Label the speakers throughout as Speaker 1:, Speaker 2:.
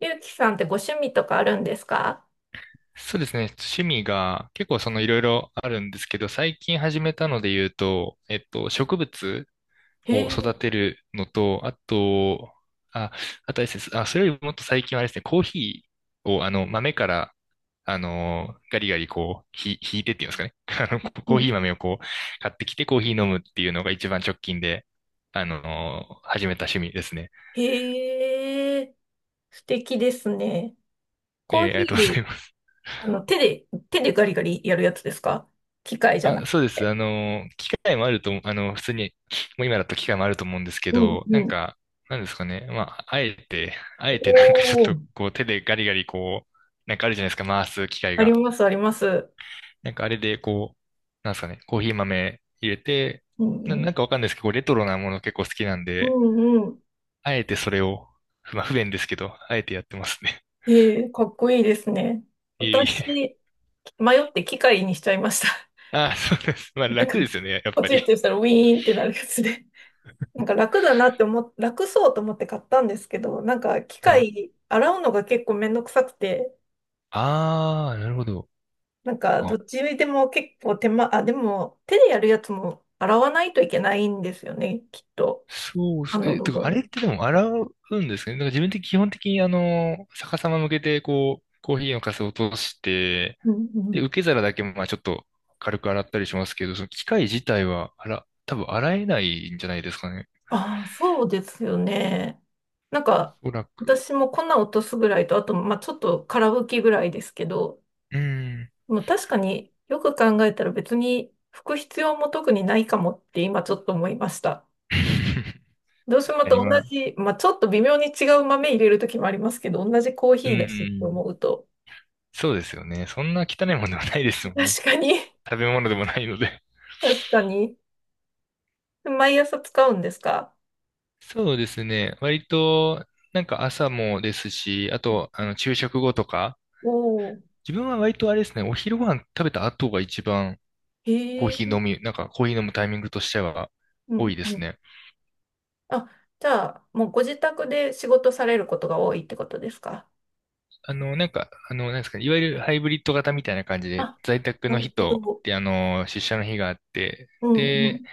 Speaker 1: ゆうきさんってご趣味とかあるんですか？
Speaker 2: そうですね。趣味が結構そのいろいろあるんですけど、最近始めたので言うと、植物
Speaker 1: へ
Speaker 2: を育
Speaker 1: え。
Speaker 2: てるのと、あ、あとあれですね、あ、それよりもっと最近はあれですね、コーヒーを豆から、ガリガリこう、ひいてっていうんですかね。
Speaker 1: う
Speaker 2: コーヒ
Speaker 1: ん。
Speaker 2: ー豆をこう、買ってきてコーヒー飲むっていうのが一番直近で、始めた趣味ですね。
Speaker 1: へえ、素敵ですね。コー
Speaker 2: ありがとうござ
Speaker 1: ヒ
Speaker 2: い
Speaker 1: ー、
Speaker 2: ます。
Speaker 1: 手で、手でガリガリやるやつですか？機械じゃな
Speaker 2: あ、
Speaker 1: く
Speaker 2: そうです。
Speaker 1: て。
Speaker 2: 機会もあると思う、普通に、もう今だと機会もあると思うんですけ
Speaker 1: うん、
Speaker 2: ど、
Speaker 1: う
Speaker 2: なん
Speaker 1: ん。
Speaker 2: か、なんですかね。まあ、あえて、あえて なんかちょっ
Speaker 1: おー、
Speaker 2: とこう手でガリガリこう、なんかあるじゃないですか、回す機械
Speaker 1: あり
Speaker 2: が。
Speaker 1: ます、あります。
Speaker 2: なんかあれでこう、なんですかね、コーヒー豆入れて、
Speaker 1: うん、う
Speaker 2: なん
Speaker 1: ん。
Speaker 2: かわかんないですけど、こうレトロなもの結構好きなん
Speaker 1: う
Speaker 2: で、
Speaker 1: ん、うん。
Speaker 2: あえてそれを、まあ不便ですけど、あえてやってますね。
Speaker 1: へえ、かっこいいですね。
Speaker 2: いえいえ。
Speaker 1: 私、迷って機械にしちゃいました。
Speaker 2: あ、そうです。まあ楽
Speaker 1: な
Speaker 2: で
Speaker 1: んか、
Speaker 2: すよね、やっ
Speaker 1: ポ
Speaker 2: ぱ
Speaker 1: チ
Speaker 2: り。
Speaker 1: ッとしたらウィーンってなるやつで。楽そうと思って買ったんですけど、なんか機
Speaker 2: はい。
Speaker 1: 械洗うのが結構めんどくさくて、
Speaker 2: ああ、なるほど。
Speaker 1: なんかど
Speaker 2: あ
Speaker 1: っちでも結構手間、あ、でも手でやるやつも洗わないといけないんですよね、きっと。
Speaker 2: そうす、
Speaker 1: あの
Speaker 2: え、
Speaker 1: 部
Speaker 2: とか、あれ
Speaker 1: 分。
Speaker 2: ってでも洗うんですね。なんか自分的、基本的に逆さま向けて、こう、コーヒーのかすを落として、
Speaker 1: うんう
Speaker 2: で、
Speaker 1: ん。
Speaker 2: 受け皿だけ、まあちょっと軽く洗ったりしますけど、その機械自体は、あら、多分洗えないんじゃないですかね。
Speaker 1: ああ、そうですよね。なんか
Speaker 2: おそらく。
Speaker 1: 私も粉落とすぐらいと、あと、まあちょっと空拭きぐらいですけど、
Speaker 2: うーん。
Speaker 1: もう確かによく考えたら別に拭く必要も特にないかもって今ちょっと思いました。
Speaker 2: 確
Speaker 1: どうしても
Speaker 2: かに、
Speaker 1: と同
Speaker 2: まあ、
Speaker 1: じ、まあ、ちょっと微妙に違う豆入れるときもありますけど、同じコー
Speaker 2: う
Speaker 1: ヒーだしって
Speaker 2: ー
Speaker 1: 思
Speaker 2: ん。
Speaker 1: うと、
Speaker 2: そうですよね。そんな汚いものではないですもんね。
Speaker 1: 確かに。
Speaker 2: 食べ物でもないので。
Speaker 1: 確かに。毎朝使うんですか？
Speaker 2: そうですね。割と、なんか朝もですし、あ
Speaker 1: うん。
Speaker 2: と、昼食後とか、
Speaker 1: おー。
Speaker 2: 自分は割とあれですね、お昼ご飯食べた後が一番コー
Speaker 1: へ
Speaker 2: ヒー
Speaker 1: え。
Speaker 2: 飲み、なんかコーヒー飲むタイミングとしては
Speaker 1: う
Speaker 2: 多い
Speaker 1: ん、
Speaker 2: で
Speaker 1: う
Speaker 2: す
Speaker 1: ん。
Speaker 2: ね。
Speaker 1: あ、じゃあ、もうご自宅で仕事されることが多いってことですか？
Speaker 2: なんか、なんですかね、いわゆるハイブリッド型みたいな感じで、
Speaker 1: あ、
Speaker 2: 在宅
Speaker 1: な
Speaker 2: の
Speaker 1: る
Speaker 2: 日
Speaker 1: ほ
Speaker 2: と、
Speaker 1: ど。
Speaker 2: で、出社の日があって、
Speaker 1: うん、う
Speaker 2: で、
Speaker 1: ん。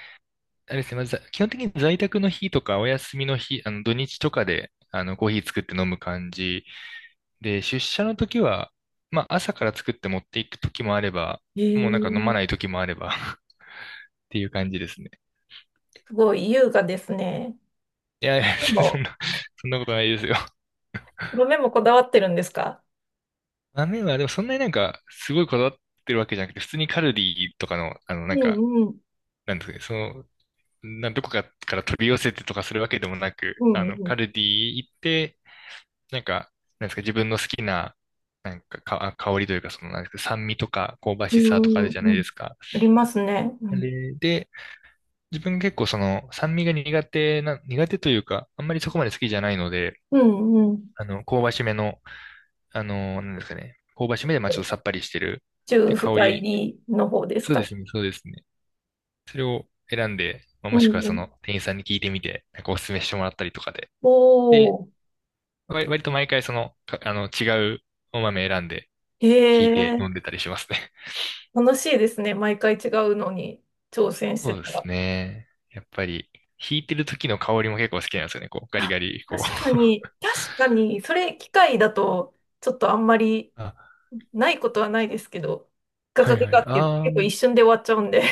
Speaker 2: あれですね、まず、基本的に在宅の日とかお休みの日、土日とかで、コーヒー作って飲む感じで、出社の時は、まあ、朝から作って持っていく時もあれば、
Speaker 1: へ
Speaker 2: もうなんか飲まな
Speaker 1: え。
Speaker 2: い時もあれば っていう感じですね。
Speaker 1: すごい優雅ですね。
Speaker 2: いやいや、
Speaker 1: で
Speaker 2: そん
Speaker 1: も、
Speaker 2: な、そんなことないですよ。
Speaker 1: 豆もこだわってるんですか？
Speaker 2: 豆は、でもそんなになんか、すごいこだわってるわけじゃなくて、普通にカルディとかの、
Speaker 1: う
Speaker 2: なんか、
Speaker 1: ん、うん、
Speaker 2: なんですかね、どこかから取り寄せてとかするわけでもなく、
Speaker 1: うん、う
Speaker 2: カ
Speaker 1: ん、
Speaker 2: ルディ行って、なんか、なんですか、自分の好きな、なんか、香りというか、なんですか、酸味とか、香ば
Speaker 1: う
Speaker 2: しさとかあ
Speaker 1: ん、
Speaker 2: るじゃな
Speaker 1: う
Speaker 2: い
Speaker 1: ん。
Speaker 2: ですか。
Speaker 1: ありますね。
Speaker 2: あれで、自分結構酸味が苦手な、苦手というか、あんまりそこまで好きじゃないので、
Speaker 1: うんうん。
Speaker 2: 香ばしめの、なんですかね。香ばしめで、まあちょっとさっぱりしてる。
Speaker 1: 中
Speaker 2: で、
Speaker 1: 深
Speaker 2: 香
Speaker 1: 入
Speaker 2: り。
Speaker 1: りの方です
Speaker 2: そう
Speaker 1: か
Speaker 2: で
Speaker 1: ね。
Speaker 2: すね、そうですね。選んで、まあ、
Speaker 1: う
Speaker 2: もしくは
Speaker 1: んう
Speaker 2: そ
Speaker 1: ん。
Speaker 2: の店員さんに聞いてみて、なんかおすすめしてもらったりとかで。
Speaker 1: お
Speaker 2: で、
Speaker 1: ー。
Speaker 2: 割と毎回その、かあの、違うお豆選んで、
Speaker 1: へ
Speaker 2: 引いて
Speaker 1: え。
Speaker 2: 飲んでたりしますね。
Speaker 1: 楽しいですね。毎回違うのに挑戦し
Speaker 2: そ
Speaker 1: て
Speaker 2: うで
Speaker 1: た
Speaker 2: す
Speaker 1: ら。
Speaker 2: ね。やっぱり、引いてる時の香りも結構好きなんですよね。こう、ガリガ
Speaker 1: あ、
Speaker 2: リ、こ
Speaker 1: 確かに、
Speaker 2: う。
Speaker 1: 確かに、それ機械だと、ちょっとあんまり
Speaker 2: あ、
Speaker 1: ないことはないですけど、ガ
Speaker 2: は
Speaker 1: ガ
Speaker 2: い
Speaker 1: ガ
Speaker 2: は
Speaker 1: ガ
Speaker 2: い。
Speaker 1: って
Speaker 2: あ
Speaker 1: 結構
Speaker 2: ー
Speaker 1: 一瞬で終わっちゃうんで。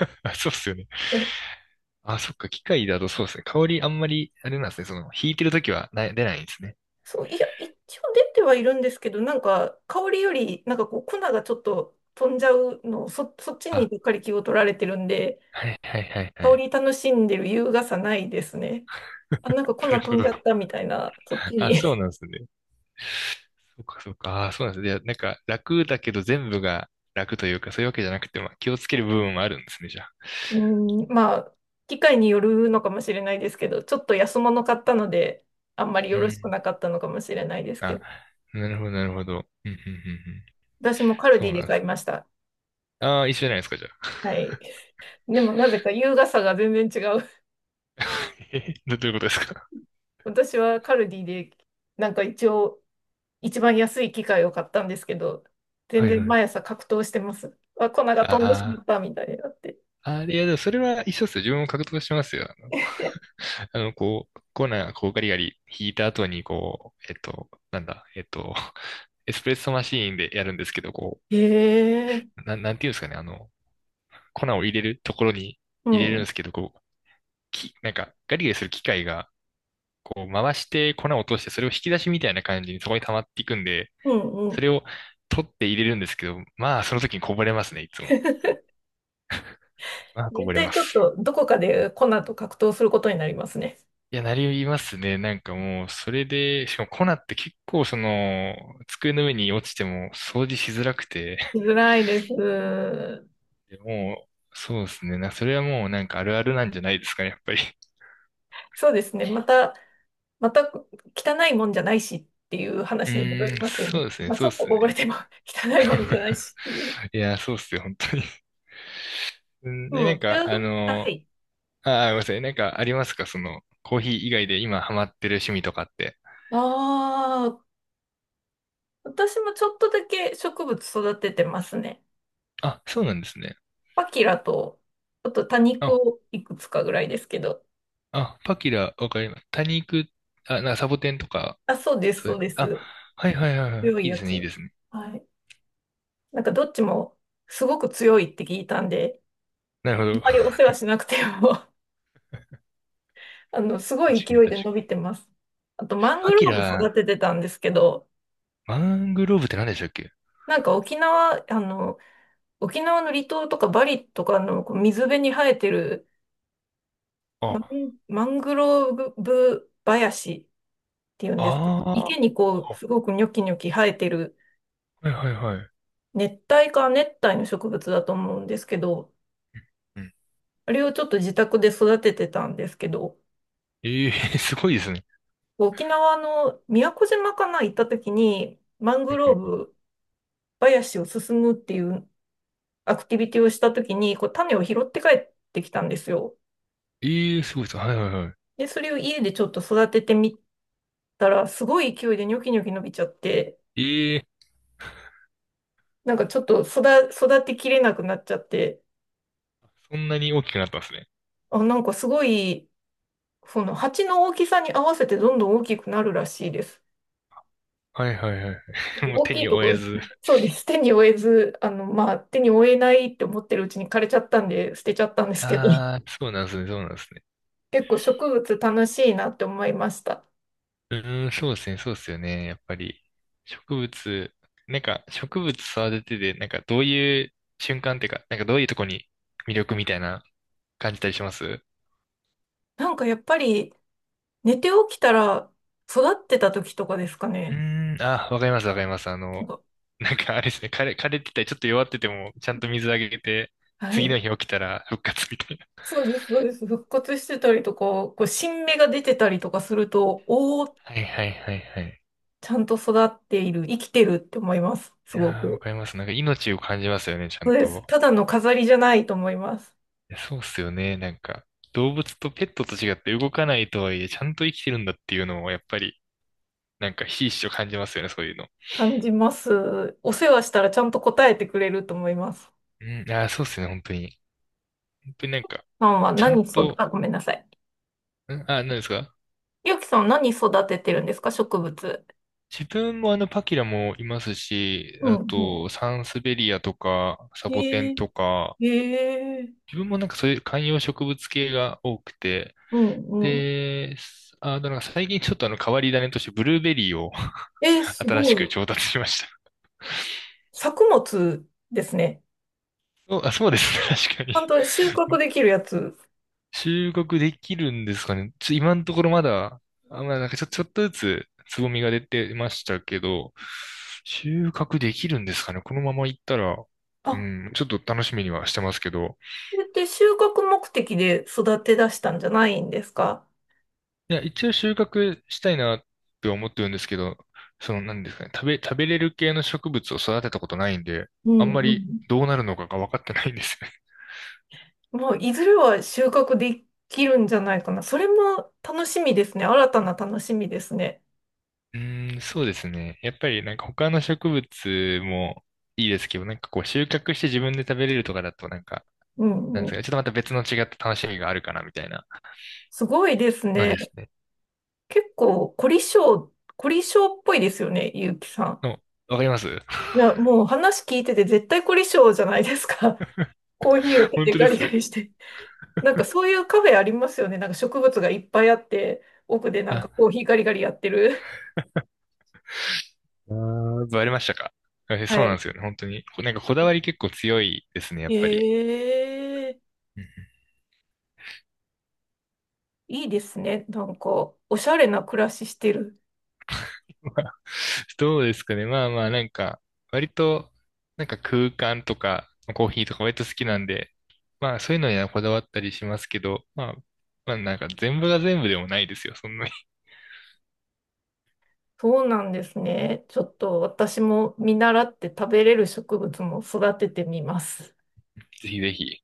Speaker 2: そうっすよね。あ、そっか、機械だとそうですね。香りあんまり、あれなんですね。引いてる時は出ないんですね。
Speaker 1: そう、いや、一応出てはいるんですけど、なんか香りより、なんかこう粉がちょっと飛んじゃうのを、そっちに
Speaker 2: あ、
Speaker 1: ばっかり気を取られてるんで、
Speaker 2: はいはいはいは
Speaker 1: 香
Speaker 2: い。
Speaker 1: り楽しんでる優雅さないですね。あ、なんか 粉
Speaker 2: なる
Speaker 1: 飛
Speaker 2: ほ
Speaker 1: ん
Speaker 2: ど。
Speaker 1: じゃったみたいな、そっち
Speaker 2: あ、そう
Speaker 1: に。
Speaker 2: なんですね。そうかそうか。あ、そうなんですね。いや、なんか楽だけど全部が楽というか、そういうわけじゃなくて、まあ気をつける部分もあるんですね、じゃあ。
Speaker 1: うん、まあ、機械によるのかもしれないですけど、ちょっと安物買ったので、あんまり
Speaker 2: う
Speaker 1: よろしく
Speaker 2: ん。
Speaker 1: なかったのかもしれないですけ
Speaker 2: あ、
Speaker 1: ど、
Speaker 2: なるほどなるほど。うんうんうんうん。
Speaker 1: 私もカル
Speaker 2: そ
Speaker 1: デ
Speaker 2: う
Speaker 1: ィで
Speaker 2: なんで
Speaker 1: 買い
Speaker 2: すね。
Speaker 1: ました。
Speaker 2: ああ、一緒じゃないですか、じゃあ。
Speaker 1: はい。でもなぜか優雅さが全然違う。
Speaker 2: え、どういうことですか？
Speaker 1: 私はカルディで、なんか一応、一番安い機械を買ったんですけど、
Speaker 2: は
Speaker 1: 全
Speaker 2: い
Speaker 1: 然
Speaker 2: はい。
Speaker 1: 毎朝格闘してます。あ、粉が飛んでしま
Speaker 2: あ
Speaker 1: ったみたいになって。
Speaker 2: あ。ああ、いや、でもそれは一緒っすよ。自分も格闘してますよ。こう、コーナー、こう、ガリガリ引いた後に、こう、なんだ、エスプレッソマシーンでやるんですけど、こ
Speaker 1: へえ。
Speaker 2: う、なんていうんですかね、粉を入れるところに
Speaker 1: う
Speaker 2: 入れるん
Speaker 1: ん。
Speaker 2: ですけど、こう、なんか、ガリガリする機械が、こう、回して粉を落として、それを引き出しみたいな感じにそこに溜まっていくんで、
Speaker 1: うんう
Speaker 2: そ
Speaker 1: ん。
Speaker 2: れを取って入れるんですけど、まあ、その時にこぼれますね、いつも。まあ、こ
Speaker 1: 絶
Speaker 2: ぼれ
Speaker 1: 対
Speaker 2: ま
Speaker 1: ちょっ
Speaker 2: す。
Speaker 1: とどこかでコナンと格闘することになりますね。
Speaker 2: いや、なりますね。なんかもう、それで、しかも粉って結構、机の上に落ちても掃除しづらくて、
Speaker 1: 辛いです。
Speaker 2: でもう、そうですね。それはもうなんかあるあるなんじゃないですかね、やっぱり。
Speaker 1: そうですね。また汚いもんじゃないしっていう
Speaker 2: う
Speaker 1: 話に戻
Speaker 2: ー
Speaker 1: り
Speaker 2: ん、
Speaker 1: ますよ
Speaker 2: そう
Speaker 1: ね。
Speaker 2: ですね、
Speaker 1: まあ、ち
Speaker 2: そう
Speaker 1: ょっ
Speaker 2: で
Speaker 1: と
Speaker 2: す
Speaker 1: こぼれ
Speaker 2: ね。
Speaker 1: ても 汚いものじゃないしっていう。
Speaker 2: いや、そうっすよ、本当に。うん、で、
Speaker 1: う
Speaker 2: なん
Speaker 1: ん。
Speaker 2: か、
Speaker 1: 中国あはい。
Speaker 2: ああ、ごめんなさい。なんかありますかコーヒー以外で今ハマってる趣味とかって。
Speaker 1: ああ、私もちょっとだけ植物育ててますね。
Speaker 2: あ、そうなんですね。
Speaker 1: パキラと、あと多肉
Speaker 2: あ、
Speaker 1: をいくつかぐらいですけど。
Speaker 2: あ、パキラ、わかります。多肉、あ、サボテンとか、
Speaker 1: あ、そうです、
Speaker 2: そ
Speaker 1: そう
Speaker 2: う、
Speaker 1: です。
Speaker 2: あ、はいはいはいはい。
Speaker 1: 強い
Speaker 2: いいで
Speaker 1: や
Speaker 2: す
Speaker 1: つ。
Speaker 2: ね、いいですね。
Speaker 1: はい。なんかどっちもすごく強いって聞いたんで、
Speaker 2: なるほ
Speaker 1: あん
Speaker 2: ど。
Speaker 1: まり お世話しなくても、 すごい
Speaker 2: 確かに
Speaker 1: 勢い
Speaker 2: 確か
Speaker 1: で伸
Speaker 2: に。
Speaker 1: びてます。あと、マング
Speaker 2: パキ
Speaker 1: ローブ
Speaker 2: ラ、
Speaker 1: 育ててたんですけど、
Speaker 2: マングローブって何でしたっけ？
Speaker 1: なんか沖縄、あの、沖縄の離島とかバリとかのこう水辺に生えてるマン、
Speaker 2: あ、
Speaker 1: マングローブ林っていうんです
Speaker 2: あ
Speaker 1: か。池に
Speaker 2: あ、
Speaker 1: こう、すごくニョキニョキ生えてる
Speaker 2: はいはいはい。
Speaker 1: 熱帯か亜熱帯の植物だと思うんですけど、
Speaker 2: うん。
Speaker 1: あれをちょっと自宅で育ててたんですけど、
Speaker 2: ええー、すごいですね。
Speaker 1: 沖縄の宮古島かな行った時に、マン
Speaker 2: う
Speaker 1: グロー
Speaker 2: んうん
Speaker 1: ブ林を進むっていうアクティビティをした時に、こう種を拾って帰ってきたんですよ。
Speaker 2: ええー、すごいです。はいはいは
Speaker 1: で、それを家でちょっと育ててみたら、すごい勢いでニョキニョキ伸びちゃって、
Speaker 2: い。ええー、
Speaker 1: なんかちょっと育、育てきれなくなっちゃって、
Speaker 2: そんなに大きくなったんですね。
Speaker 1: あ、なんかすごい、その鉢の大きさに合わせてどんどん大きくなるらしいです。
Speaker 2: はいはいはい。もう
Speaker 1: 大
Speaker 2: 手
Speaker 1: きい
Speaker 2: に
Speaker 1: と
Speaker 2: 負
Speaker 1: こ
Speaker 2: え
Speaker 1: ろ
Speaker 2: ず。
Speaker 1: そうです。手に負えず、あの、まあ、手に負えないって思ってるうちに枯れちゃったんで、捨てちゃったんですけど。
Speaker 2: ああ、そうなんですね、そうなんですね。
Speaker 1: 結構植物楽しいなって思いました。
Speaker 2: うーん、そうですね、そうですよね。やっぱり、植物、なんか、植物育ててて、なんか、どういう瞬間っていうか、なんか、どういうとこに魅力みたいな感じたりします？う
Speaker 1: なんかやっぱり寝て起きたら育ってた時とかですか
Speaker 2: ー
Speaker 1: ね。
Speaker 2: ん、あ、わかります、わかります。
Speaker 1: なんか
Speaker 2: なんか、あれですね、枯れてたり、ちょっと弱ってても、ちゃんと水あげて、
Speaker 1: は
Speaker 2: 次の
Speaker 1: い。
Speaker 2: 日起きたら復活みたいな。
Speaker 1: そうです、そうです。復活してたりとか、こう新芽が出てたりとかすると、おー、
Speaker 2: はいはいはいはい。
Speaker 1: ちゃんと育っている、生きてるって思います。
Speaker 2: い
Speaker 1: すご
Speaker 2: やー、わ
Speaker 1: く。
Speaker 2: かります。なんか、命を感じますよね、ちゃ
Speaker 1: そ
Speaker 2: ん
Speaker 1: うです。
Speaker 2: と。
Speaker 1: ただの飾りじゃないと思います。
Speaker 2: そうっすよね。なんか、動物とペットと違って動かないとはいえ、ちゃんと生きてるんだっていうのを、やっぱり、なんか、ひしひしと感じますよね、そういうの。
Speaker 1: 感じます。お世話したらちゃんと答えてくれると思います。
Speaker 2: うん、あー、そうっすよね、本当に。本当になんか、
Speaker 1: さんは
Speaker 2: ちゃん
Speaker 1: 何そ、
Speaker 2: と、
Speaker 1: あ、ごめんなさい。
Speaker 2: 何ですか？
Speaker 1: ゆうきさんは何育ててるんですか、植物。
Speaker 2: 自分もパキラもいますし、
Speaker 1: う
Speaker 2: あ
Speaker 1: んうん。
Speaker 2: と、サンスベリアとか、サボテン
Speaker 1: へ
Speaker 2: とか、
Speaker 1: え。え。え。
Speaker 2: 自分もなんかそういう観葉植物系が多くて、
Speaker 1: うんうん。
Speaker 2: で、あ、あとなんか最近ちょっと変わり種として、ブルーベリーを
Speaker 1: えー、す
Speaker 2: 新し
Speaker 1: ご
Speaker 2: く
Speaker 1: い。
Speaker 2: 調達しました。
Speaker 1: 作物ですね。
Speaker 2: そう、あ、そうですね、確かに。
Speaker 1: ちゃんと収穫できるやつ。
Speaker 2: 収穫できるんですかね。今のところまだ、あ、まあ、なんかちょっとずつつぼみが出てましたけど、収穫できるんですかね。このままいったら、う
Speaker 1: あ、
Speaker 2: ん、ちょっと楽しみにはしてますけど。
Speaker 1: これって収穫目的で育て出したんじゃないんですか？
Speaker 2: いや、一応収穫したいなって思ってるんですけど、なんですかね。食べれる系の植物を育てたことないんで、
Speaker 1: う
Speaker 2: あ
Speaker 1: ん
Speaker 2: んま
Speaker 1: う
Speaker 2: り
Speaker 1: ん。
Speaker 2: どうなるのかが分かってないんですよね。
Speaker 1: もういずれは収穫できるんじゃないかな。それも楽しみですね。新たな楽しみですね。
Speaker 2: うーん、そうですね。やっぱりなんか他の植物もいいですけど、なんかこう収穫して自分で食べれるとかだとなんか
Speaker 1: う
Speaker 2: なん
Speaker 1: ん
Speaker 2: です
Speaker 1: う
Speaker 2: かね、
Speaker 1: ん。
Speaker 2: ちょっとまた別の違った楽しみがあるかな、みたいな
Speaker 1: すごいです
Speaker 2: の
Speaker 1: ね。
Speaker 2: ですね。
Speaker 1: 結構、凝り性っぽいですよね、ゆうきさ
Speaker 2: の、わかります
Speaker 1: ん。いや、もう話聞いてて絶対凝り性じゃないですか。コーヒーを手
Speaker 2: 本
Speaker 1: で
Speaker 2: 当で
Speaker 1: ガリガ
Speaker 2: す。
Speaker 1: リして。なんかそういうカフェありますよね。なんか植物がいっぱいあって、奥でなんかコ
Speaker 2: あ、
Speaker 1: ーヒーガリガリやってる。
Speaker 2: あーバレましたか？そう
Speaker 1: は
Speaker 2: なん
Speaker 1: い。
Speaker 2: ですよね、本当に。なんかこだわり結構強いですね、やっ
Speaker 1: へ
Speaker 2: ぱり。
Speaker 1: え、
Speaker 2: うん
Speaker 1: いいですね。なんか、おしゃれな暮らししてる。
Speaker 2: どうですかね。まあまあ、なんか、割と、なんか空間とか、コーヒーとか割と好きなんで、まあそういうのにはこだわったりしますけど、まあ、まあなんか全部が全部でもないですよ、そんなに。
Speaker 1: そうなんですね。ちょっと私も見習って食べれる植物も育ててみます。
Speaker 2: ぜひぜひ。